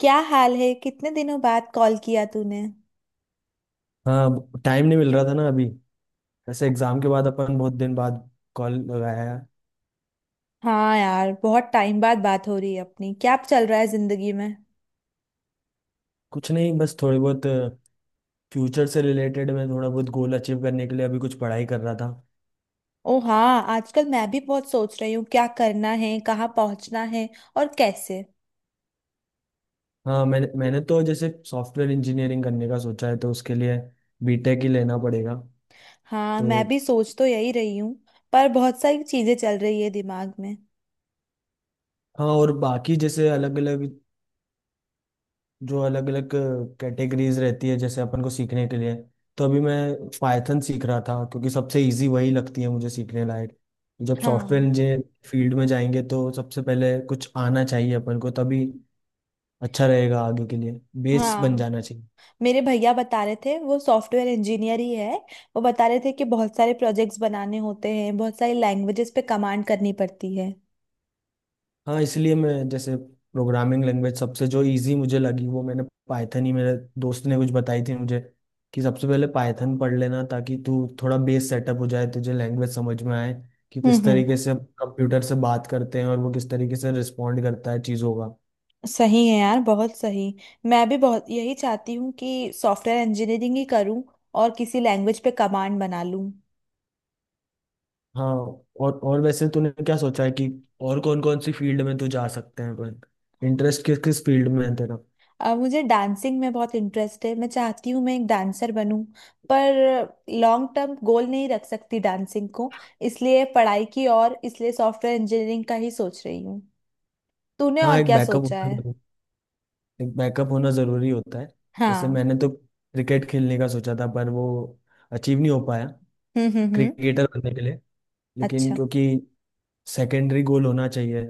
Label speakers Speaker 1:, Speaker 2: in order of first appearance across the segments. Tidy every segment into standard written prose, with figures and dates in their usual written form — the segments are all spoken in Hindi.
Speaker 1: क्या हाल है? कितने दिनों बाद कॉल किया तूने।
Speaker 2: हाँ। टाइम नहीं मिल रहा था ना अभी। वैसे एग्जाम के बाद अपन बहुत दिन बाद कॉल लगाया है।
Speaker 1: हाँ यार, बहुत टाइम बाद बात हो रही है अपनी। क्या चल रहा है जिंदगी में?
Speaker 2: कुछ नहीं, बस थोड़ी बहुत फ्यूचर से रिलेटेड मैं थोड़ा बहुत गोल अचीव करने के लिए अभी कुछ पढ़ाई कर रहा था।
Speaker 1: ओ हाँ, आजकल मैं भी बहुत सोच रही हूँ क्या करना है, कहाँ पहुँचना है और कैसे।
Speaker 2: हाँ, मैंने मैंने तो जैसे सॉफ्टवेयर इंजीनियरिंग करने का सोचा है, तो उसके लिए बीटेक ही लेना पड़ेगा।
Speaker 1: हाँ,
Speaker 2: तो
Speaker 1: मैं भी सोच तो यही रही हूँ। पर बहुत सारी चीजें चल रही है दिमाग में।
Speaker 2: हाँ, और बाकी जैसे अलग अलग जो अलग अलग कैटेगरीज रहती है जैसे अपन को सीखने के लिए। तो अभी मैं पाइथन सीख रहा था क्योंकि सबसे इजी वही लगती है मुझे सीखने लायक। जब सॉफ्टवेयर
Speaker 1: हाँ।
Speaker 2: इंजीनियर फील्ड में जाएंगे तो सबसे पहले कुछ आना चाहिए अपन को, तभी अच्छा रहेगा आगे के लिए। बेस बन
Speaker 1: हाँ,
Speaker 2: जाना चाहिए।
Speaker 1: मेरे भैया बता रहे थे, वो सॉफ्टवेयर इंजीनियर ही है। वो बता रहे थे कि बहुत सारे प्रोजेक्ट्स बनाने होते हैं, बहुत सारी लैंग्वेजेस पे कमांड करनी पड़ती है।
Speaker 2: हाँ, इसलिए मैं जैसे प्रोग्रामिंग लैंग्वेज सबसे जो इजी मुझे लगी वो मैंने पाइथन ही, मेरे दोस्त ने कुछ बताई थी मुझे कि सबसे पहले पाइथन पढ़ लेना ताकि तू थोड़ा बेस सेटअप हो जाए, तुझे लैंग्वेज समझ में आए कि किस
Speaker 1: हम्म।
Speaker 2: तरीके से कंप्यूटर से बात करते हैं और वो किस तरीके से रिस्पोंड करता है चीज़ों का।
Speaker 1: सही है यार, बहुत सही। मैं भी बहुत यही चाहती हूँ कि सॉफ्टवेयर इंजीनियरिंग ही करूँ और किसी लैंग्वेज पे कमांड बना लूँ।
Speaker 2: हाँ, और वैसे तूने क्या सोचा है कि और कौन कौन सी फील्ड में तू जा सकते हैं? इंटरेस्ट किस किस फील्ड में है तेरा?
Speaker 1: मुझे डांसिंग में बहुत इंटरेस्ट है। मैं चाहती हूँ मैं एक डांसर बनूँ। पर लॉन्ग टर्म गोल नहीं रख सकती डांसिंग को, इसलिए पढ़ाई की और इसलिए सॉफ्टवेयर इंजीनियरिंग का ही सोच रही हूँ। तूने
Speaker 2: हाँ,
Speaker 1: और
Speaker 2: एक
Speaker 1: क्या
Speaker 2: बैकअप,
Speaker 1: सोचा है?
Speaker 2: एक बैकअप होना ज़रूरी होता है। वैसे
Speaker 1: हाँ।
Speaker 2: मैंने तो क्रिकेट खेलने का सोचा था, पर वो अचीव नहीं हो पाया,
Speaker 1: हम्म।
Speaker 2: क्रिकेटर बनने के लिए। लेकिन
Speaker 1: अच्छा।
Speaker 2: क्योंकि सेकेंडरी गोल होना चाहिए,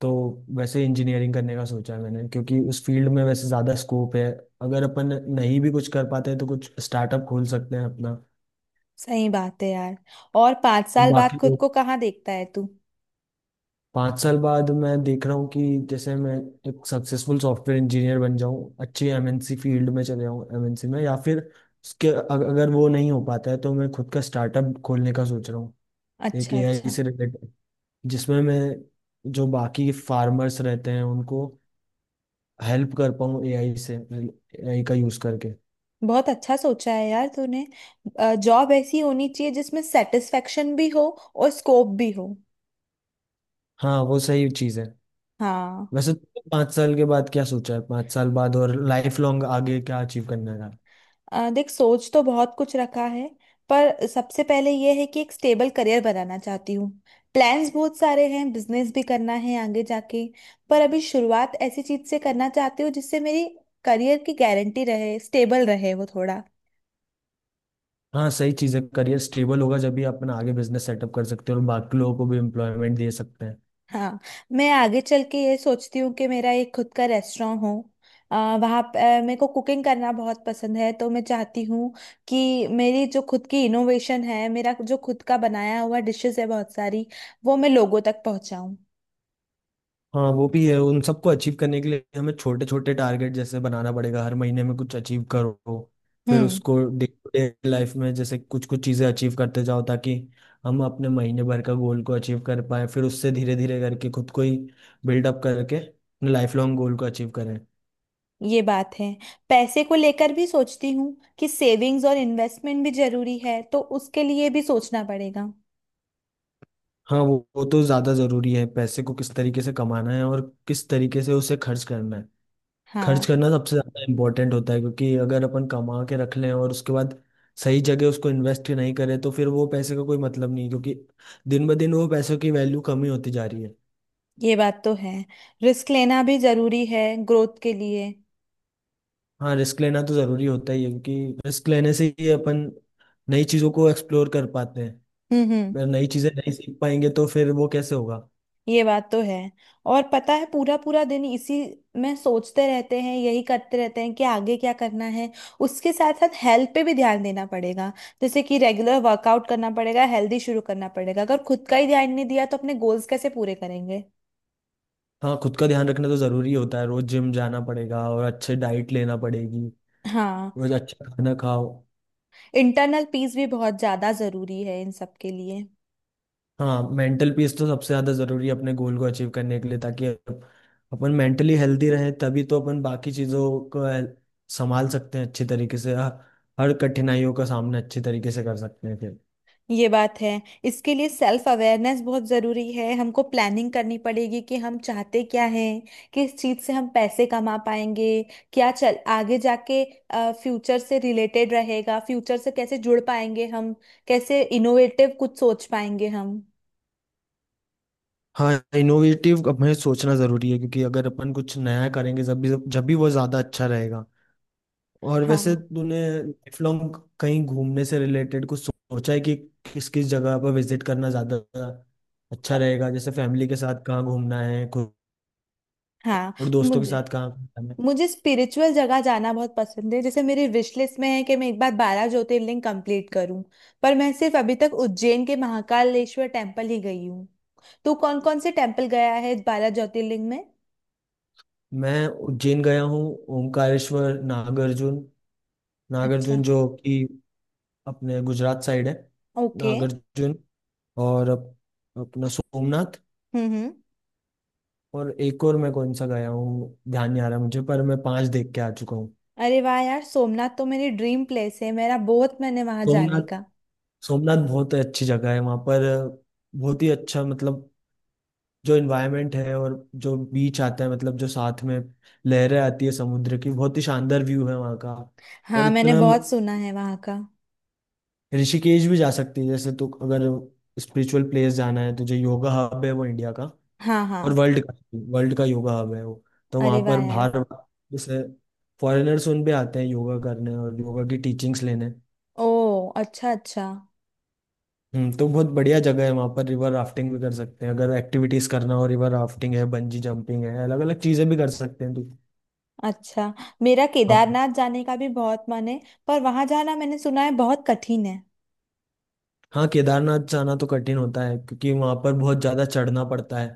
Speaker 2: तो वैसे इंजीनियरिंग करने का सोचा है मैंने, क्योंकि उस फील्ड में वैसे ज़्यादा स्कोप है। अगर अपन नहीं भी कुछ कर पाते हैं तो कुछ स्टार्टअप खोल सकते हैं अपना।
Speaker 1: सही बात है यार। और 5 साल बाद
Speaker 2: बाकी
Speaker 1: खुद
Speaker 2: लोग,
Speaker 1: को कहाँ देखता है तू?
Speaker 2: पाँच साल बाद मैं देख रहा हूँ कि जैसे मैं एक सक्सेसफुल सॉफ्टवेयर इंजीनियर बन जाऊँ, अच्छी एमएनसी फील्ड में चले जाऊँ, एमएनसी में, या फिर उसके अगर वो नहीं हो पाता है तो मैं खुद का स्टार्टअप खोलने का सोच रहा हूँ, एक
Speaker 1: अच्छा
Speaker 2: एआई
Speaker 1: अच्छा।
Speaker 2: से रिलेटेड जिसमें मैं, जो बाकी फार्मर्स रहते हैं उनको हेल्प कर पाऊँ एआई से, एआई का यूज़ करके।
Speaker 1: बहुत अच्छा सोचा है यार तूने। जॉब ऐसी होनी चाहिए जिसमें सेटिस्फेक्शन भी हो और स्कोप भी हो।
Speaker 2: हाँ, वो सही चीज़ है।
Speaker 1: हाँ।
Speaker 2: वैसे तुमने पाँच साल के बाद क्या सोचा है, पाँच साल बाद और लाइफ लॉन्ग आगे क्या अचीव करना है?
Speaker 1: देख, सोच तो बहुत कुछ रखा है। पर सबसे पहले यह है कि एक स्टेबल करियर बनाना चाहती हूँ। प्लान्स बहुत सारे हैं, बिजनेस भी करना है आगे जाके। पर अभी शुरुआत ऐसी चीज से करना चाहती हूँ जिससे मेरी करियर की गारंटी रहे, स्टेबल रहे वो थोड़ा।
Speaker 2: हाँ, सही चीजें करिए, स्टेबल होगा जब भी अपन आगे बिजनेस सेटअप कर सकते हैं और बाकी लोगों को भी एम्प्लॉयमेंट दे सकते हैं।
Speaker 1: हाँ। मैं आगे चल के ये सोचती हूँ कि मेरा एक खुद का रेस्टोरेंट हो। आ, वहाँ प- अ, मेरे को कुकिंग करना बहुत पसंद है तो मैं चाहती हूँ कि मेरी जो खुद की इनोवेशन है, मेरा जो खुद का बनाया हुआ डिशेस है बहुत सारी, वो मैं लोगों तक पहुँचाऊँ।
Speaker 2: हाँ वो भी है, उन सबको अचीव करने के लिए हमें छोटे छोटे टारगेट जैसे बनाना पड़ेगा, हर महीने में कुछ अचीव करो, फिर
Speaker 1: हम्म।
Speaker 2: उसको डे टू डे लाइफ में जैसे कुछ कुछ चीजें अचीव करते जाओ ताकि हम अपने महीने भर का गोल को अचीव कर पाए, फिर उससे धीरे धीरे करके खुद को ही बिल्डअप करके लाइफ लॉन्ग गोल को अचीव करें।
Speaker 1: ये बात है। पैसे को लेकर भी सोचती हूँ कि सेविंग्स और इन्वेस्टमेंट भी जरूरी है, तो उसके लिए भी सोचना पड़ेगा।
Speaker 2: हाँ वो तो ज्यादा जरूरी है, पैसे को किस तरीके से कमाना है और किस तरीके से उसे खर्च करना है। खर्च
Speaker 1: हाँ,
Speaker 2: करना सबसे ज्यादा इम्पोर्टेंट होता है, क्योंकि अगर अपन कमा के रख लें और उसके बाद सही जगह उसको इन्वेस्ट नहीं करें तो फिर वो पैसे का कोई मतलब नहीं है, क्योंकि दिन ब दिन वो पैसों की वैल्यू कमी होती जा रही है।
Speaker 1: ये बात तो है। रिस्क लेना भी जरूरी है ग्रोथ के लिए।
Speaker 2: हाँ, रिस्क लेना तो जरूरी होता ही है, क्योंकि रिस्क लेने से ही अपन नई चीजों को एक्सप्लोर कर पाते हैं।
Speaker 1: हम्म।
Speaker 2: अगर नई चीजें नहीं सीख पाएंगे तो फिर वो कैसे होगा?
Speaker 1: ये बात तो है। और पता है, पूरा पूरा दिन इसी में सोचते रहते हैं, यही करते रहते हैं कि आगे क्या करना है। उसके साथ साथ हेल्थ पे भी ध्यान देना पड़ेगा। जैसे कि रेगुलर वर्कआउट करना पड़ेगा, हेल्दी शुरू करना पड़ेगा। अगर खुद का ही ध्यान नहीं दिया तो अपने गोल्स कैसे पूरे करेंगे?
Speaker 2: हाँ, खुद का ध्यान रखना तो जरूरी होता है, रोज जिम जाना पड़ेगा और अच्छे डाइट लेना पड़ेगी।
Speaker 1: हाँ।
Speaker 2: रोज अच्छा खाना खाओ।
Speaker 1: इंटरनल पीस भी बहुत ज़्यादा ज़रूरी है इन सब के लिए।
Speaker 2: हाँ, मेंटल पीस तो सबसे ज्यादा जरूरी है अपने गोल को अचीव करने के लिए, ताकि अपन मेंटली हेल्दी रहें, तभी तो अपन बाकी चीजों को संभाल सकते हैं अच्छी तरीके से। हर कठिनाइयों का सामना अच्छे तरीके से कर सकते हैं फिर।
Speaker 1: ये बात है। इसके लिए सेल्फ अवेयरनेस बहुत ज़रूरी है। हमको प्लानिंग करनी पड़ेगी कि हम चाहते क्या हैं, किस चीज़ से हम पैसे कमा पाएंगे, क्या चल आगे जाके फ्यूचर से रिलेटेड रहेगा। फ्यूचर से कैसे जुड़ पाएंगे हम? कैसे इनोवेटिव कुछ सोच पाएंगे हम?
Speaker 2: हाँ, इनोवेटिव हमें सोचना जरूरी है, क्योंकि अगर अपन कुछ नया करेंगे जब भी वो ज्यादा अच्छा रहेगा। और वैसे
Speaker 1: हाँ।
Speaker 2: तूने लाइफ लॉन्ग कहीं घूमने से रिलेटेड कुछ सोचा है कि किस किस जगह पर विजिट करना ज्यादा
Speaker 1: अ,
Speaker 2: अच्छा रहेगा, जैसे फैमिली के साथ कहाँ घूमना है
Speaker 1: हाँ,
Speaker 2: और दोस्तों के
Speaker 1: मुझे
Speaker 2: साथ कहाँ गया मैं?
Speaker 1: मुझे स्पिरिचुअल जगह जाना बहुत पसंद है। जैसे मेरी विश लिस्ट में है कि मैं एक बार 12 ज्योतिर्लिंग कंप्लीट करूं। पर मैं सिर्फ अभी तक उज्जैन के महाकालेश्वर टेम्पल ही गई हूँ। तो कौन कौन से टेम्पल गया है 12 ज्योतिर्लिंग में?
Speaker 2: मैं उज्जैन गया हूँ, ओंकारेश्वर, नागार्जुन,
Speaker 1: अच्छा।
Speaker 2: नागार्जुन जो कि अपने गुजरात साइड है,
Speaker 1: ओके।
Speaker 2: नागार्जुन, और अपना सोमनाथ,
Speaker 1: हम्म।
Speaker 2: और एक और मैं कौन सा गया हूँ ध्यान नहीं आ रहा मुझे, पर मैं पांच देख के आ चुका हूँ।
Speaker 1: अरे वाह यार, सोमनाथ तो मेरी ड्रीम प्लेस है। मेरा बहुत मन है वहां जाने
Speaker 2: सोमनाथ,
Speaker 1: का।
Speaker 2: सोमनाथ बहुत अच्छी जगह है। वहाँ पर बहुत ही अच्छा, मतलब जो इन्वायरमेंट है, और जो बीच आता है, मतलब जो साथ में लहरें आती है समुद्र की, बहुत ही शानदार व्यू है वहाँ का। और
Speaker 1: हाँ, मैंने
Speaker 2: इतना,
Speaker 1: बहुत सुना है वहां का।
Speaker 2: ऋषिकेश भी जा सकती है जैसे, तो अगर स्पिरिचुअल प्लेस जाना है तुझे, योगा हब है वो इंडिया का
Speaker 1: हाँ हाँ।
Speaker 2: और वर्ल्ड का, वर्ल्ड का योगा हब है वो। तो वहाँ
Speaker 1: अरे वाह
Speaker 2: पर
Speaker 1: यार।
Speaker 2: बाहर जैसे फॉरेनर्स उन भी आते हैं योगा करने और योगा की टीचिंग्स लेने।
Speaker 1: ओ। अच्छा अच्छा।
Speaker 2: हम्म, तो बहुत बढ़िया जगह है। वहाँ पर रिवर राफ्टिंग भी कर सकते हैं, अगर एक्टिविटीज करना हो। रिवर राफ्टिंग है, बंजी जंपिंग है, अलग अलग चीजें भी कर सकते हैं तो।
Speaker 1: अच्छा। मेरा
Speaker 2: हाँ।
Speaker 1: केदारनाथ जाने का भी बहुत मन है। पर वहां जाना मैंने सुना है बहुत कठिन है।
Speaker 2: हाँ, केदारनाथ जाना तो कठिन होता है, क्योंकि वहाँ पर बहुत ज्यादा चढ़ना पड़ता है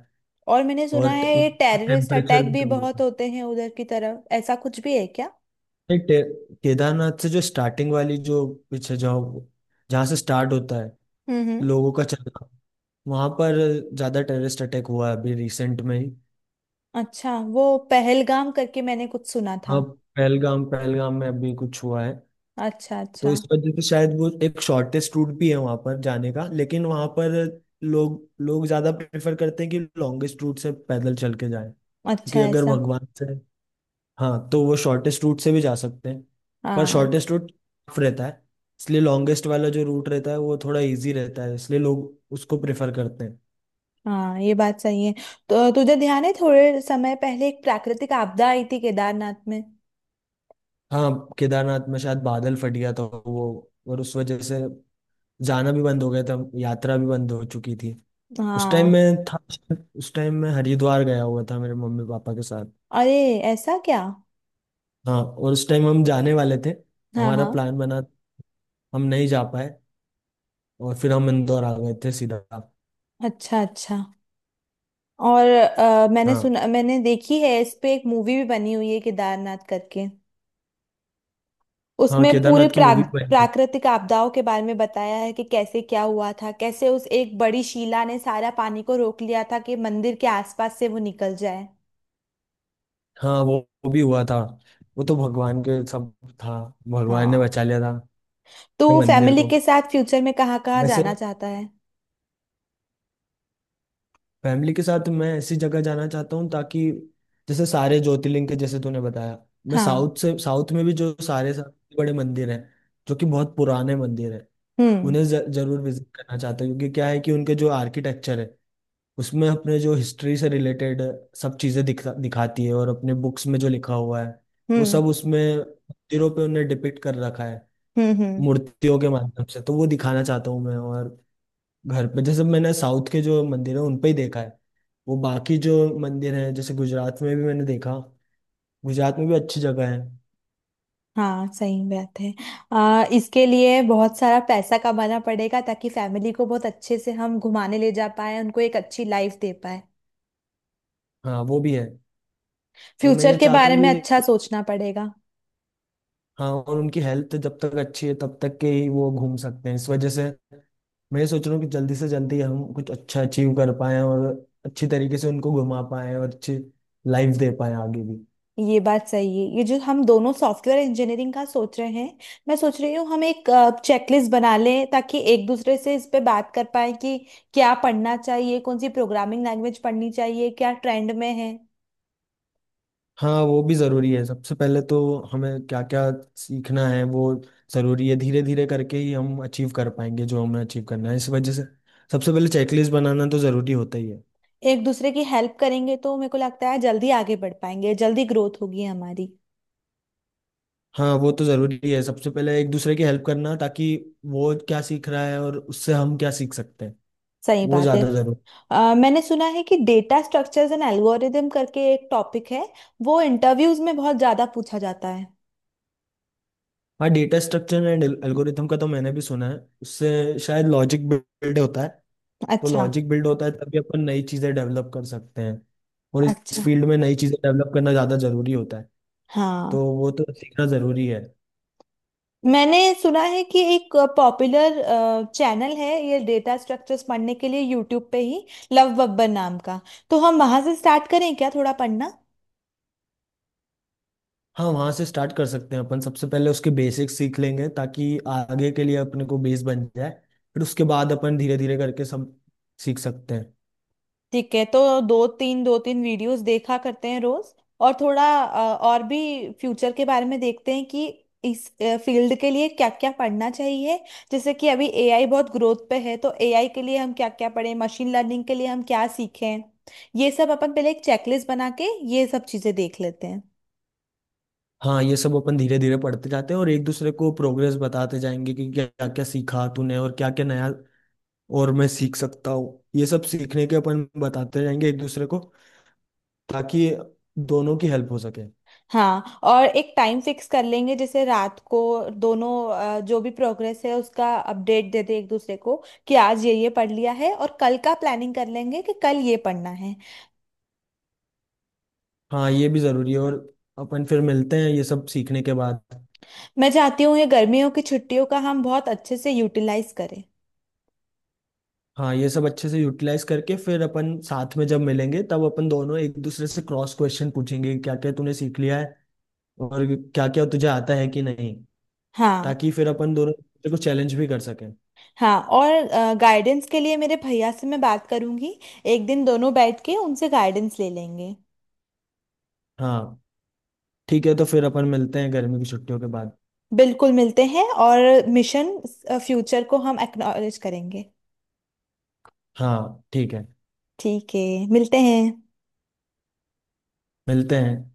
Speaker 1: और मैंने सुना
Speaker 2: और
Speaker 1: है ये टेररिस्ट
Speaker 2: टेम्परेचर
Speaker 1: अटैक
Speaker 2: भी
Speaker 1: भी
Speaker 2: कम रहता
Speaker 1: बहुत
Speaker 2: है।
Speaker 1: होते हैं उधर की तरफ। ऐसा कुछ भी है क्या?
Speaker 2: नहीं, केदारनाथ से जो स्टार्टिंग वाली जो पीछे जाओ, जहाँ से स्टार्ट होता है
Speaker 1: हम्म।
Speaker 2: लोगों का चलना, वहां पर ज्यादा टेररिस्ट अटैक हुआ है अभी रिसेंट में ही।
Speaker 1: अच्छा। वो पहलगाम करके मैंने कुछ सुना
Speaker 2: हाँ,
Speaker 1: था।
Speaker 2: पहलगाम, पहलगाम में अभी कुछ हुआ है।
Speaker 1: अच्छा
Speaker 2: तो
Speaker 1: अच्छा।
Speaker 2: इस वजह से शायद वो एक शॉर्टेस्ट रूट भी है वहां पर जाने का, लेकिन वहां पर लोग लोग ज्यादा प्रेफर करते हैं कि लॉन्गेस्ट रूट से पैदल चल के जाएं,
Speaker 1: अच्छा
Speaker 2: क्योंकि अगर
Speaker 1: ऐसा?
Speaker 2: भगवान से, हाँ तो वो शॉर्टेस्ट रूट से भी जा सकते हैं, पर
Speaker 1: हाँ
Speaker 2: शॉर्टेस्ट रूट टफ रहता है, इसलिए लॉन्गेस्ट वाला जो रूट रहता है वो थोड़ा इजी रहता है, इसलिए लोग उसको प्रेफर करते हैं।
Speaker 1: हाँ। ये बात सही है। तो तुझे ध्यान है थोड़े समय पहले एक प्राकृतिक आपदा आई थी केदारनाथ में?
Speaker 2: हाँ, केदारनाथ में शायद बादल फट गया था वो, और उस वजह से जाना भी बंद हो गया था, यात्रा भी बंद हो चुकी थी। उस टाइम
Speaker 1: हाँ।
Speaker 2: में था, उस टाइम में हरिद्वार गया हुआ था मेरे मम्मी पापा के साथ।
Speaker 1: अरे, ऐसा क्या?
Speaker 2: हाँ, और उस टाइम हम जाने वाले थे,
Speaker 1: हाँ
Speaker 2: हमारा
Speaker 1: हाँ।
Speaker 2: प्लान बना, हम नहीं जा पाए, और फिर हम इंदौर आ गए थे सीधा।
Speaker 1: अच्छा अच्छा। और मैंने
Speaker 2: हाँ।
Speaker 1: सुना, मैंने देखी है इस पे एक मूवी भी बनी हुई है केदारनाथ करके।
Speaker 2: हाँ,
Speaker 1: उसमें पूरे
Speaker 2: केदारनाथ की मूवी।
Speaker 1: प्राकृतिक आपदाओं के बारे में बताया है कि कैसे क्या हुआ था, कैसे उस एक बड़ी शिला ने सारा पानी को रोक लिया था कि मंदिर के आसपास से वो निकल जाए।
Speaker 2: हाँ, वो भी हुआ था, वो तो भगवान के सब था, भगवान ने
Speaker 1: हाँ।
Speaker 2: बचा लिया था ये
Speaker 1: तो
Speaker 2: मंदिर
Speaker 1: फैमिली
Speaker 2: को।
Speaker 1: के साथ फ्यूचर में कहाँ कहाँ जाना
Speaker 2: वैसे
Speaker 1: चाहता है?
Speaker 2: फैमिली के साथ मैं ऐसी जगह जाना चाहता हूँ, ताकि जैसे सारे ज्योतिर्लिंग, के जैसे तूने बताया, मैं
Speaker 1: हाँ।
Speaker 2: साउथ से, साउथ में भी जो सारे सबसे बड़े मंदिर हैं, जो कि बहुत पुराने मंदिर हैं,
Speaker 1: हम्म
Speaker 2: उन्हें जरूर विजिट करना चाहता हूँ, क्योंकि क्या है कि उनके जो आर्किटेक्चर है उसमें अपने जो हिस्ट्री से रिलेटेड सब चीज़ें दिखा दिखाती है, और अपने बुक्स में जो लिखा हुआ है वो
Speaker 1: हम्म
Speaker 2: सब उसमें मंदिरों पे उन्हें डिपिक्ट कर रखा है,
Speaker 1: हम्म।
Speaker 2: मूर्तियों के माध्यम से। तो वो दिखाना चाहता हूँ मैं, और घर पे, जैसे मैंने साउथ के जो मंदिर है उन पे ही देखा है, वो बाकी जो मंदिर है, जैसे गुजरात में भी मैंने देखा, गुजरात में भी अच्छी जगह है।
Speaker 1: हाँ, सही बात है। इसके लिए बहुत सारा पैसा कमाना पड़ेगा ताकि फैमिली को बहुत अच्छे से हम घुमाने ले जा पाए, उनको एक अच्छी लाइफ दे पाए।
Speaker 2: हाँ वो भी है। और मैं
Speaker 1: फ्यूचर
Speaker 2: ये
Speaker 1: के
Speaker 2: चाहता
Speaker 1: बारे
Speaker 2: हूँ
Speaker 1: में अच्छा
Speaker 2: कि,
Speaker 1: सोचना पड़ेगा।
Speaker 2: हाँ और उनकी हेल्थ जब तक अच्छी है तब तक के ही वो घूम सकते हैं, इस वजह से मैं ये सोच रहा हूँ कि जल्दी से जल्दी हम कुछ अच्छा अचीव कर पाए और अच्छी तरीके से उनको घुमा पाए और अच्छी लाइफ दे पाए आगे भी।
Speaker 1: ये बात सही है। ये जो हम दोनों सॉफ्टवेयर इंजीनियरिंग का सोच रहे हैं, मैं सोच रही हूँ हम एक चेकलिस्ट बना लें ताकि एक दूसरे से इस पे बात कर पाए कि क्या पढ़ना चाहिए, कौन सी प्रोग्रामिंग लैंग्वेज पढ़नी चाहिए, क्या ट्रेंड में है।
Speaker 2: हाँ वो भी ज़रूरी है। सबसे पहले तो हमें क्या क्या सीखना है वो ज़रूरी है, धीरे धीरे करके ही हम अचीव कर पाएंगे जो हमें अचीव करना है। इस वजह से सबसे पहले चेकलिस्ट बनाना तो ज़रूरी होता ही है।
Speaker 1: एक दूसरे की हेल्प करेंगे तो मेरे को लगता है जल्दी आगे बढ़ पाएंगे, जल्दी ग्रोथ होगी हमारी।
Speaker 2: हाँ वो तो ज़रूरी है, सबसे पहले एक दूसरे की हेल्प करना, ताकि वो क्या सीख रहा है और उससे हम क्या सीख सकते हैं,
Speaker 1: सही
Speaker 2: वो
Speaker 1: बात है।
Speaker 2: ज़्यादा ज़रूरी।
Speaker 1: मैंने सुना है कि डेटा स्ट्रक्चर्स एंड एल्गोरिदम करके एक टॉपिक है। वो इंटरव्यूज में बहुत ज्यादा पूछा जाता है।
Speaker 2: हाँ, डेटा स्ट्रक्चर एंड एल्गोरिथम का तो मैंने भी सुना है, उससे शायद लॉजिक बिल्ड होता है। तो
Speaker 1: अच्छा
Speaker 2: लॉजिक बिल्ड होता है तभी अपन नई चीज़ें डेवलप कर सकते हैं, और इस
Speaker 1: अच्छा।
Speaker 2: फील्ड में नई चीज़ें डेवलप करना ज़्यादा ज़रूरी होता है, तो
Speaker 1: हाँ,
Speaker 2: वो तो सीखना ज़रूरी है।
Speaker 1: मैंने सुना है कि एक पॉपुलर चैनल है ये डेटा स्ट्रक्चर्स पढ़ने के लिए यूट्यूब पे ही, लव बब्बर नाम का। तो हम वहां से स्टार्ट करें क्या थोड़ा पढ़ना?
Speaker 2: हाँ, वहाँ से स्टार्ट कर सकते हैं अपन, सबसे पहले उसके बेसिक्स सीख लेंगे ताकि आगे के लिए अपने को बेस बन जाए, फिर उसके बाद अपन धीरे धीरे करके सब सीख सकते हैं।
Speaker 1: ठीक है तो दो तीन वीडियोस देखा करते हैं रोज। और थोड़ा और भी फ्यूचर के बारे में देखते हैं कि इस फील्ड के लिए क्या क्या पढ़ना चाहिए। जैसे कि अभी एआई बहुत ग्रोथ पे है तो एआई के लिए हम क्या क्या पढ़ें, मशीन लर्निंग के लिए हम क्या सीखें। ये सब अपन पहले एक चेकलिस्ट बना के ये सब चीजें देख लेते हैं।
Speaker 2: हाँ ये सब अपन धीरे धीरे पढ़ते जाते हैं, और एक दूसरे को प्रोग्रेस बताते जाएंगे कि क्या क्या सीखा तूने और क्या क्या नया और मैं सीख सकता हूँ, ये सब सीखने के अपन बताते रहेंगे एक दूसरे को, ताकि दोनों की हेल्प हो सके।
Speaker 1: हाँ, और एक टाइम फिक्स कर लेंगे जैसे रात को दोनों जो भी प्रोग्रेस है उसका अपडेट दे दे एक दूसरे को, कि आज ये पढ़ लिया है और कल का प्लानिंग कर लेंगे कि कल ये पढ़ना है।
Speaker 2: हाँ, ये भी जरूरी है। और अपन फिर मिलते हैं ये सब सीखने के बाद।
Speaker 1: मैं चाहती हूँ ये गर्मियों की छुट्टियों का हम बहुत अच्छे से यूटिलाइज करें।
Speaker 2: हाँ, ये सब अच्छे से यूटिलाइज करके फिर अपन साथ में जब मिलेंगे, तब अपन दोनों एक दूसरे से क्रॉस क्वेश्चन पूछेंगे क्या क्या तूने सीख लिया है, और क्या क्या तुझे आता है कि नहीं,
Speaker 1: हाँ
Speaker 2: ताकि फिर अपन दोनों एक दूसरे को चैलेंज भी कर सकें।
Speaker 1: हाँ। और गाइडेंस के लिए मेरे भैया से मैं बात करूंगी। एक दिन दोनों बैठ के उनसे गाइडेंस ले लेंगे।
Speaker 2: हाँ ठीक है, तो फिर अपन मिलते हैं गर्मी की छुट्टियों के बाद।
Speaker 1: बिल्कुल, मिलते हैं और मिशन फ्यूचर को हम एक्नॉलेज करेंगे।
Speaker 2: हाँ ठीक है।
Speaker 1: ठीक है, मिलते हैं।
Speaker 2: मिलते हैं।